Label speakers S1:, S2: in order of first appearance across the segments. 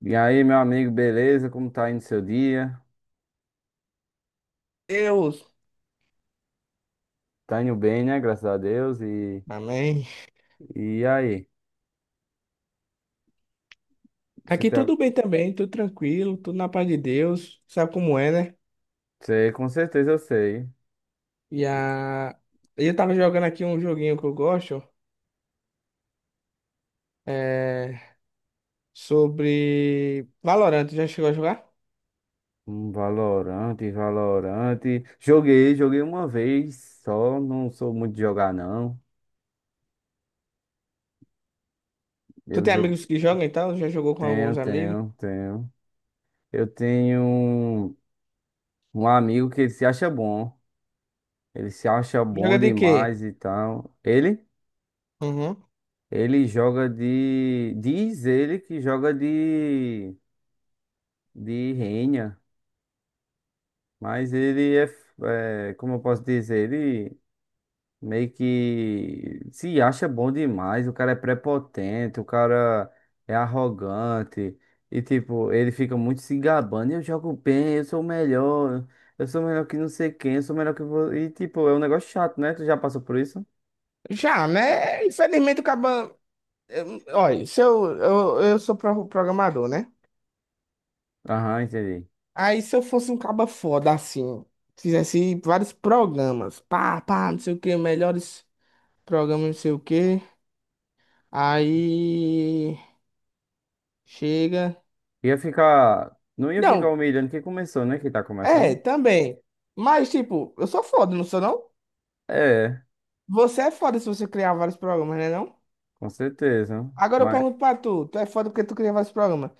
S1: E aí, meu amigo, beleza? Como tá indo seu dia?
S2: Deus.
S1: Tá indo bem, né? Graças a Deus. E,
S2: Amém.
S1: e aí? Você
S2: Aqui
S1: tá...
S2: tudo bem também, tudo tranquilo, tudo na paz de Deus. Sabe como é, né?
S1: Você, com certeza eu sei.
S2: E a... eu tava jogando aqui um joguinho que eu gosto, é... sobre Valorant. Já chegou a jogar?
S1: Um Valorante, Valorante. Joguei uma vez só. Não sou muito de jogar, não.
S2: Tu
S1: Eu
S2: tem
S1: jogo.
S2: amigos que jogam e tal? Já jogou com
S1: Tenho,
S2: alguns amigos?
S1: tenho, tenho. Eu tenho um amigo que ele se acha bom. Ele se acha bom
S2: Joga de quê?
S1: demais e tal. Ele?
S2: Uhum.
S1: Ele joga de. Diz ele que joga de. De Renha. Mas ele é, é, como eu posso dizer, ele meio que se acha bom demais. O cara é prepotente, o cara é arrogante. E, tipo, ele fica muito se gabando. Eu jogo bem, eu sou o melhor, eu sou melhor que não sei quem, eu sou melhor que você. E, tipo, é um negócio chato, né? Tu já passou por isso?
S2: Já, né? Infelizmente, o acaba. Olha, se eu sou programador, né?
S1: Aham, entendi.
S2: Aí se eu fosse um caba foda assim, fizesse vários programas, pá, pá, não sei o que, melhores. Programa não sei o quê. Aí chega.
S1: Ia ficar. Não ia ficar
S2: Não,
S1: humilhando quem começou, né? Quem tá
S2: é,
S1: começando?
S2: também. Mas, tipo, eu sou foda, não sou não?
S1: É,
S2: Você é foda se você criar vários programas, né não?
S1: com certeza.
S2: Agora eu
S1: Mas.
S2: pergunto pra tu, tu é foda porque tu cria vários programas.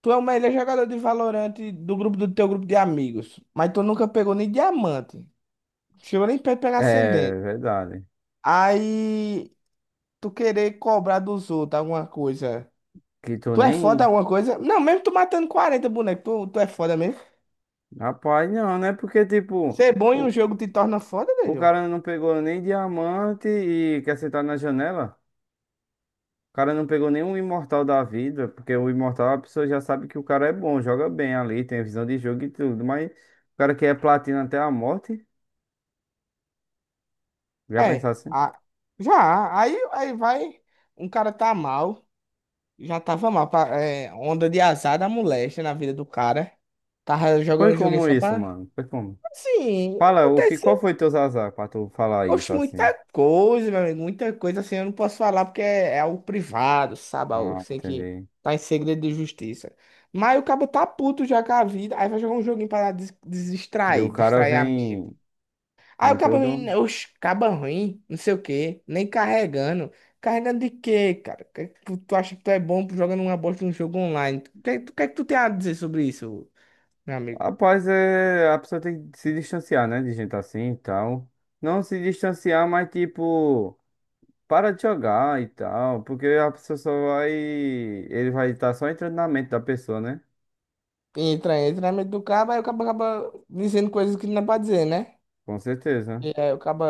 S2: Tu é o melhor jogador de Valorant do teu grupo de amigos, mas tu nunca pegou nem diamante. Chegou nem perto de pegar
S1: É,
S2: ascendente.
S1: verdade.
S2: Aí tu querer cobrar dos outros alguma coisa.
S1: Que tu
S2: Tu é foda
S1: nem.
S2: alguma coisa? Não, mesmo tu matando 40 bonecos, tu é foda mesmo.
S1: Rapaz, não, né? Porque, tipo,
S2: Ser bom em um
S1: o,
S2: jogo te torna foda,
S1: o
S2: velho.
S1: cara não pegou nem diamante e quer sentar na janela. O cara não pegou nenhum imortal da vida, porque o imortal a pessoa já sabe que o cara é bom, joga bem ali, tem visão de jogo e tudo, mas o cara que é platina até a morte, já pensar
S2: É,
S1: assim.
S2: já. Aí vai. Um cara tá mal. Já tava mal. Onda de azar da moléstia na vida do cara. Tava
S1: Foi
S2: jogando um joguinho
S1: como
S2: só
S1: isso,
S2: pra.
S1: mano? Foi como?
S2: Assim,
S1: Fala, o que, qual
S2: aconteceu.
S1: foi teus azar pra tu falar
S2: Oxe,
S1: isso assim?
S2: muita coisa, meu amigo. Muita coisa assim. Eu não posso falar porque é algo privado, sabe? Algo
S1: Ah,
S2: assim que
S1: entendi.
S2: tá em segredo de justiça. Mas o cabo tá puto já com a vida. Aí vai jogar um joguinho pra
S1: E o cara
S2: distrair a mente.
S1: vem,
S2: Aí
S1: vem
S2: o cabo ruim,
S1: todo.
S2: né? Oxe, caba ruim, não sei o quê, nem carregando. Carregando de quê, cara? Que é que tu acha que tu é bom jogando uma bosta num jogo online? O que, que é que tu tem a dizer sobre isso, meu amigo?
S1: Rapaz, é, a pessoa tem que se distanciar, né? De gente assim e tal. Não se distanciar, mas tipo, para de jogar e tal. Porque a pessoa só vai. Ele vai estar só entrando na mente da pessoa, né?
S2: Entra na mente do cabo, aí o cabo acaba dizendo coisas que não é pra dizer, né?
S1: Com certeza.
S2: E aí o cabo,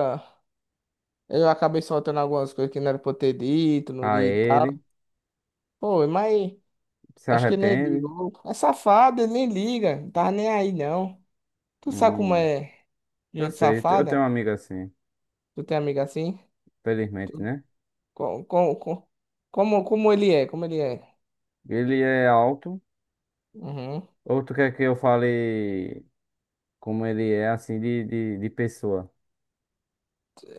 S2: eu acabei soltando algumas coisas que não era pra eu ter dito, não
S1: A
S2: li e
S1: ele,
S2: tal. Pô, mas
S1: se
S2: acho que ele nem liga.
S1: arrepende.
S2: Ô, é safado, ele nem liga, não tá nem aí não. Tu sabe como
S1: Hum,
S2: é
S1: eu
S2: gente
S1: sei, eu
S2: safada?
S1: tenho um amigo assim,
S2: Tu tem amiga assim?
S1: felizmente, né?
S2: Co- co- co- como ele é, como ele é.
S1: Ele é alto.
S2: Uhum.
S1: Ou tu quer que eu fale como ele é, assim, de pessoa?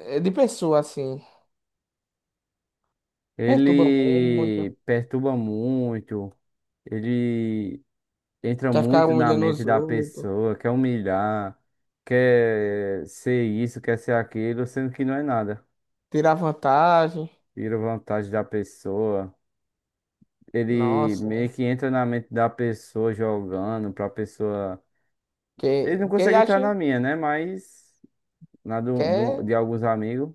S2: É de pessoa, assim. Perturba muito.
S1: Ele perturba muito, ele entra
S2: Quer ficar
S1: muito na
S2: humilhando
S1: mente
S2: os
S1: da
S2: outros.
S1: pessoa, quer humilhar, quer ser isso, quer ser aquilo, sendo que não é nada.
S2: Tirar vantagem.
S1: Tira vantagem da pessoa. Ele
S2: Nossa.
S1: meio que entra na mente da pessoa jogando pra pessoa. Ele não
S2: O que ele
S1: consegue entrar
S2: acha
S1: na minha, né? Mas na do,
S2: que
S1: do-
S2: é.
S1: de alguns amigos.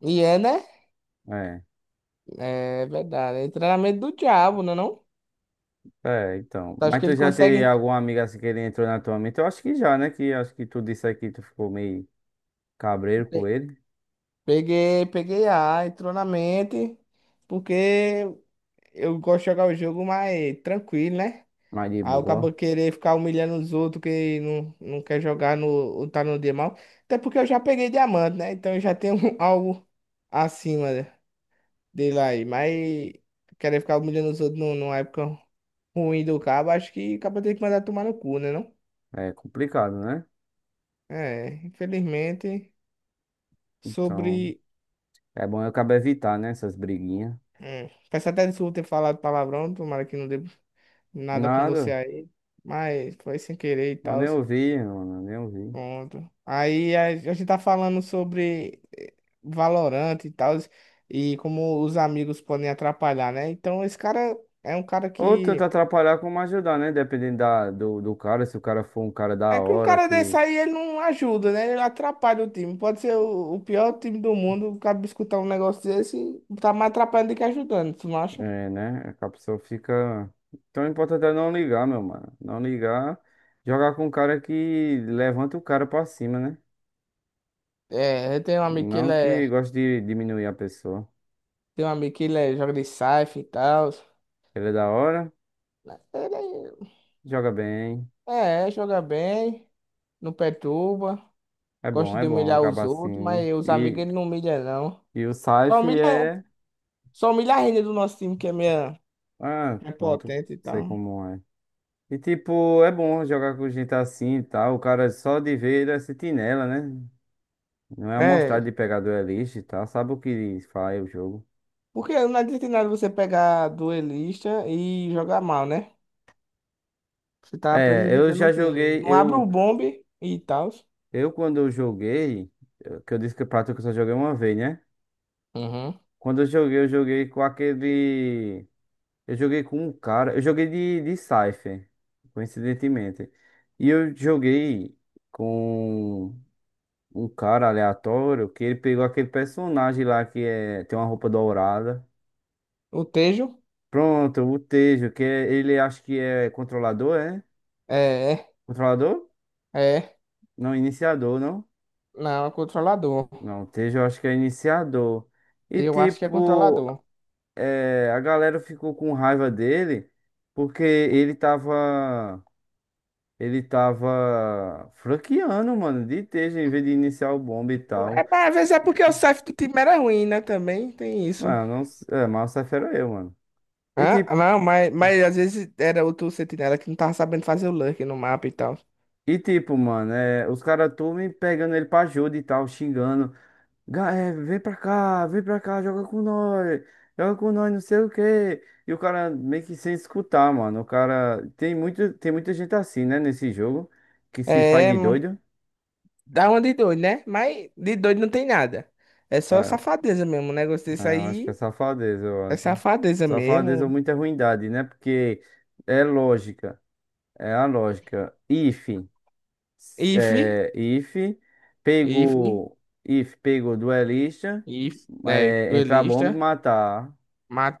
S2: E é, né?
S1: É.
S2: É verdade. É treinamento do diabo, não é não?
S1: É, então.
S2: Acho
S1: Mas
S2: que
S1: tu
S2: ele
S1: já teve
S2: consegue.
S1: algum amigo assim que ele entrou na tua mente? Eu acho que já, né? Que acho que tu disse aí que tu ficou meio Cabreiro com
S2: pe-
S1: ele,
S2: peguei A, entrou na mente. Porque eu gosto de jogar o jogo mais tranquilo, né?
S1: mas de
S2: Aí o cabo
S1: boa.
S2: querer ficar humilhando os outros que não quer jogar ou tá no dia mal. Até porque eu já peguei diamante, né? Então eu já tenho algo acima dele aí. Mas querer ficar humilhando os outros numa época ruim do cabo, acho que o cabo tem que mandar tomar no cu, né? Não?
S1: É complicado, né?
S2: É, infelizmente,
S1: Então,
S2: sobre.
S1: é bom eu acabo evitar, né? Essas briguinhas.
S2: Peço até desculpa ter falado palavrão, tomara que não dê nada com você
S1: Nada,
S2: aí. Mas foi sem querer e
S1: eu
S2: tal.
S1: nem ouvir, mano, nem ouvir.
S2: Pronto. Aí a gente tá falando sobre Valorant e tal, e como os amigos podem atrapalhar, né? Então esse cara é um cara
S1: Ou tanto
S2: que.
S1: atrapalhar como ajudar, né? Dependendo da, do cara, se o cara for um cara da
S2: É que um
S1: hora,
S2: cara desse
S1: que,
S2: aí ele não ajuda, né? Ele atrapalha o time. Pode ser o pior time do mundo, o cara escutar um negócio desse, tá mais atrapalhando do que ajudando, tu não acha?
S1: é, né? Que a pessoa fica. Então, o importante é não ligar, meu mano. Não ligar, jogar com um cara que levanta o cara pra cima, né?
S2: É, eu tenho um amigo que
S1: Não
S2: ele é.
S1: que goste de diminuir a pessoa.
S2: Tem um amigo que ele é, joga de Scythe e tal.
S1: Ele é da hora,
S2: Ele
S1: joga bem.
S2: é, joga bem, não perturba. Gosta
S1: É
S2: de
S1: bom
S2: humilhar os
S1: acaba
S2: outros,
S1: assim.
S2: mas os amigos ele não humilha, não.
S1: E o
S2: Só
S1: Saif
S2: humilha,
S1: é.
S2: só humilha a renda do nosso time, que é meia
S1: Ah,
S2: é
S1: pronto,
S2: potente e
S1: sei
S2: tal.
S1: como é. E tipo, é bom jogar com gente assim e tal. O cara só de ver ele é sentinela, né? Não é
S2: É.
S1: amostrado de pegar duelista e tal. Sabe o que faz o jogo.
S2: Porque não adianta nada você pegar duelista e jogar mal, né? Você tá
S1: É, eu
S2: prejudicando o
S1: já
S2: time.
S1: joguei.
S2: Não abre o bombe e tal.
S1: Eu quando eu joguei. Que eu disse que o Prato que eu só joguei uma vez, né?
S2: Uhum.
S1: Quando eu joguei com aquele. Eu joguei com um cara. Eu joguei de Cypher, coincidentemente. E eu joguei com um cara aleatório que ele pegou aquele personagem lá que é, tem uma roupa dourada.
S2: O Tejo?
S1: Pronto, o Tejo, que é, ele acho que é controlador, é?
S2: É,
S1: Controlador?
S2: é.
S1: Não, iniciador, não?
S2: Não, é controlador.
S1: Não, o Tejo eu acho que é iniciador. E
S2: Eu acho que é
S1: tipo,
S2: controlador.
S1: é, a galera ficou com raiva dele porque ele tava. Ele tava franqueando, mano, de Teja, em vez de iniciar o bomba e tal.
S2: É, mas às vezes é
S1: E-
S2: porque o safe do time era ruim, né? Também tem isso.
S1: Ah, não, é, mas essa fera eu, mano. E
S2: Ah,
S1: tipo,
S2: não, mas às vezes era outro sentinela que não tava sabendo fazer o lurk no mapa e tal.
S1: e tipo, mano, é, os caras tudo me pegando ele pra ajuda e tal, xingando. É, vem pra cá, joga com nós, não sei o quê. E o cara meio que sem escutar, mano. O cara. Tem muito, tem muita gente assim, né, nesse jogo, que se faz
S2: É,
S1: de
S2: mano,
S1: doido.
S2: dá uma de doido, né? Mas de doido não tem nada. É só
S1: É,
S2: safadeza mesmo. O negócio desse
S1: É, eu acho que é
S2: aí
S1: safadeza, eu
S2: é
S1: acho.
S2: safadeza
S1: Safadeza é
S2: mesmo.
S1: muita ruindade, né? Porque é lógica, é a lógica. If,
S2: If,
S1: é, if
S2: if,
S1: pegou, if pegou duelista,
S2: if,
S1: é, entrar a bomba e
S2: duelista.
S1: matar,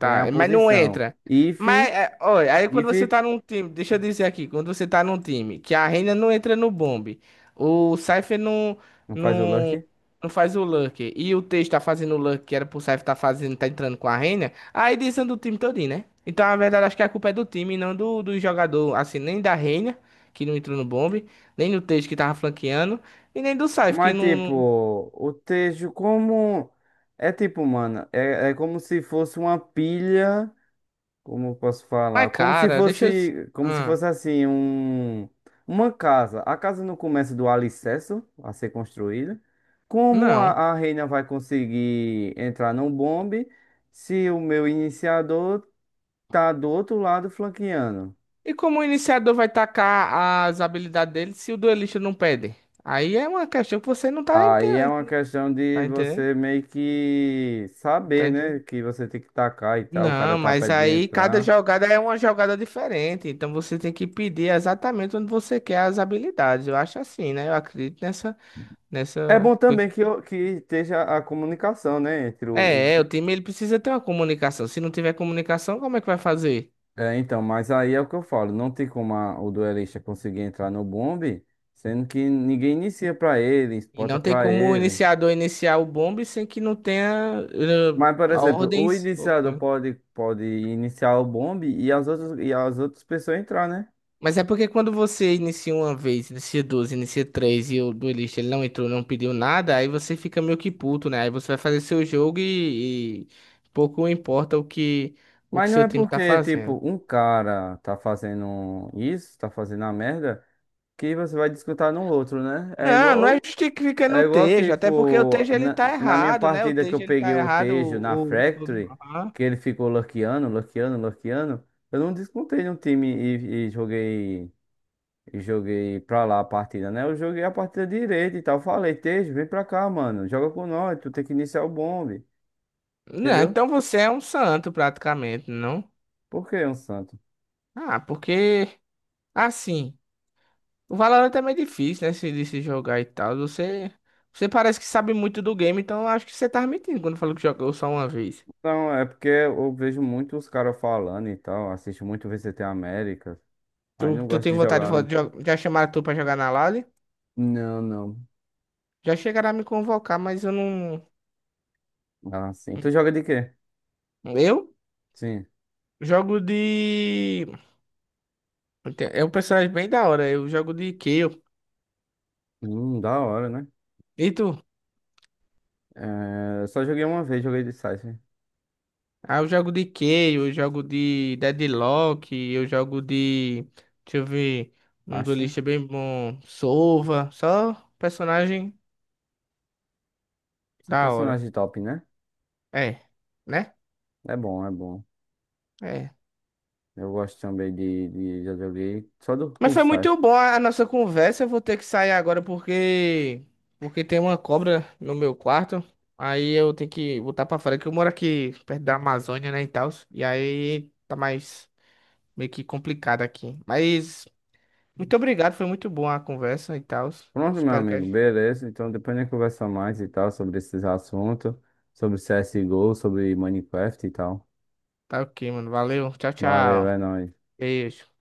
S1: ganhar a
S2: mas não
S1: posição.
S2: entra.
S1: If,
S2: Mas, olha, aí quando
S1: if,
S2: você tá num time, deixa eu dizer aqui, quando você tá num time que a Reina não entra no bombe, o Cypher
S1: não faz o
S2: não,
S1: luck.
S2: não faz o Lurker, e o teixe tá fazendo o Lurker que era pro Cypher tá fazendo, tá entrando com a Reina, aí desanda o time todinho, né? Então, na verdade, acho que a culpa é do time, e não do jogador, assim, nem da Reina, que não entrou no bombe, nem do teixe que tava flanqueando, e nem do Cypher, que
S1: Mas
S2: não...
S1: tipo, o texto como é tipo, mano, é, é como se fosse uma pilha. Como eu posso falar?
S2: Mas, cara, deixa eu...
S1: Como se
S2: Ah,
S1: fosse assim, um, uma casa. A casa não começa do alicerce a ser construída. Como a,
S2: não.
S1: a reina vai conseguir entrar num bombe se o meu iniciador tá do outro lado flanqueando?
S2: E como o iniciador vai tacar as habilidades dele se o duelista não pede? Aí é uma questão que você não tá
S1: Aí é uma
S2: entendendo.
S1: questão de
S2: Tá entendendo?
S1: você meio que
S2: Tá
S1: saber, né?
S2: entendendo?
S1: Que você tem que tacar e tal, o cara
S2: Não,
S1: tá
S2: mas
S1: perto de
S2: aí cada
S1: entrar.
S2: jogada é uma jogada diferente. Então você tem que pedir exatamente onde você quer as habilidades. Eu acho assim, né? Eu acredito
S1: É bom
S2: coisa.
S1: também que, que esteja a comunicação, né? Entre o,
S2: É, é, o time ele precisa ter uma comunicação. Se não tiver comunicação, como é que vai fazer?
S1: É, então, mas aí é o que eu falo, não tem como o duelista conseguir entrar no bombe, sendo que ninguém inicia pra ele,
S2: E
S1: espota
S2: não tem
S1: pra
S2: como o
S1: ele.
S2: iniciador iniciar o bombe sem que não tenha
S1: Mas, por exemplo, o
S2: ordens ou
S1: iniciador
S2: coisa.
S1: pode iniciar o bombe e as outras pessoas entrar, né?
S2: Mas é porque quando você inicia uma vez, inicia duas, inicia três e o duelista ele não entrou, não pediu nada, aí você fica meio que puto, né? Aí você vai fazer seu jogo e pouco importa o que
S1: Mas não
S2: seu
S1: é
S2: time tá
S1: porque, tipo,
S2: fazendo.
S1: um cara tá fazendo isso, tá fazendo a merda, que você vai disputar no outro, né?
S2: Não, não é justificando
S1: É
S2: o
S1: igual,
S2: Tejo, até porque o
S1: tipo,
S2: Tejo ele
S1: na,
S2: tá
S1: na minha
S2: errado, né? O
S1: partida que eu
S2: Tejo ele tá
S1: peguei o
S2: errado,
S1: Tejo na Factory,
S2: Aham.
S1: que ele ficou luckeando, luckeando, luckeando, eu não descontei no time e joguei e joguei pra lá a partida, né? Eu joguei a partida direita e tal. Falei, Tejo, vem pra cá, mano, joga com nós, tu tem que iniciar o bombe,
S2: Não,
S1: entendeu?
S2: então você é um santo praticamente, não?
S1: Por que um santo?
S2: Ah, porque assim. O Valorant é meio difícil, né? Se, de se jogar e tal. Você parece que sabe muito do game, então eu acho que você tá mentindo quando falou que jogou só uma vez.
S1: Não, é porque eu vejo muito os caras falando e tal, assisto muito VCT América, aí
S2: Tu,
S1: não
S2: tu
S1: gosto
S2: tem
S1: de
S2: vontade de
S1: jogar.
S2: falar, já chamaram tu pra jogar na LAN?
S1: Não, não.
S2: Já chegaram a me convocar, mas eu não.
S1: Ah, sim. Tu joga de quê?
S2: Eu
S1: Sim.
S2: jogo de. É um personagem bem da hora. Eu jogo de Kayle.
S1: Da hora, né?
S2: E tu?
S1: É, eu só joguei uma vez, joguei de Cypher.
S2: Ah, eu jogo de Kayle, eu jogo de Deadlock, eu jogo de. Deixa eu ver. Um
S1: Astra.
S2: duelista bem bom. Sova. Só personagem
S1: Só
S2: da hora.
S1: personagem top, né?
S2: É, né?
S1: É bom, é bom.
S2: É.
S1: Eu gosto também de já joguei só do,
S2: Mas
S1: com
S2: foi muito
S1: Cypher.
S2: bom a nossa conversa. Eu vou ter que sair agora porque tem uma cobra no meu quarto. Aí eu tenho que voltar pra fora que eu moro aqui perto da Amazônia, né, e tal. E aí tá mais meio que complicado aqui. Mas muito obrigado, foi muito bom a conversa e tal.
S1: Pronto, meu
S2: Espero que a
S1: amigo,
S2: gente
S1: beleza. Então depois a gente conversa mais e tal sobre esses assuntos, sobre CSGO, sobre Minecraft e tal.
S2: tá ok, mano. Valeu. Tchau,
S1: Valeu,
S2: tchau.
S1: é nóis.
S2: Beijo.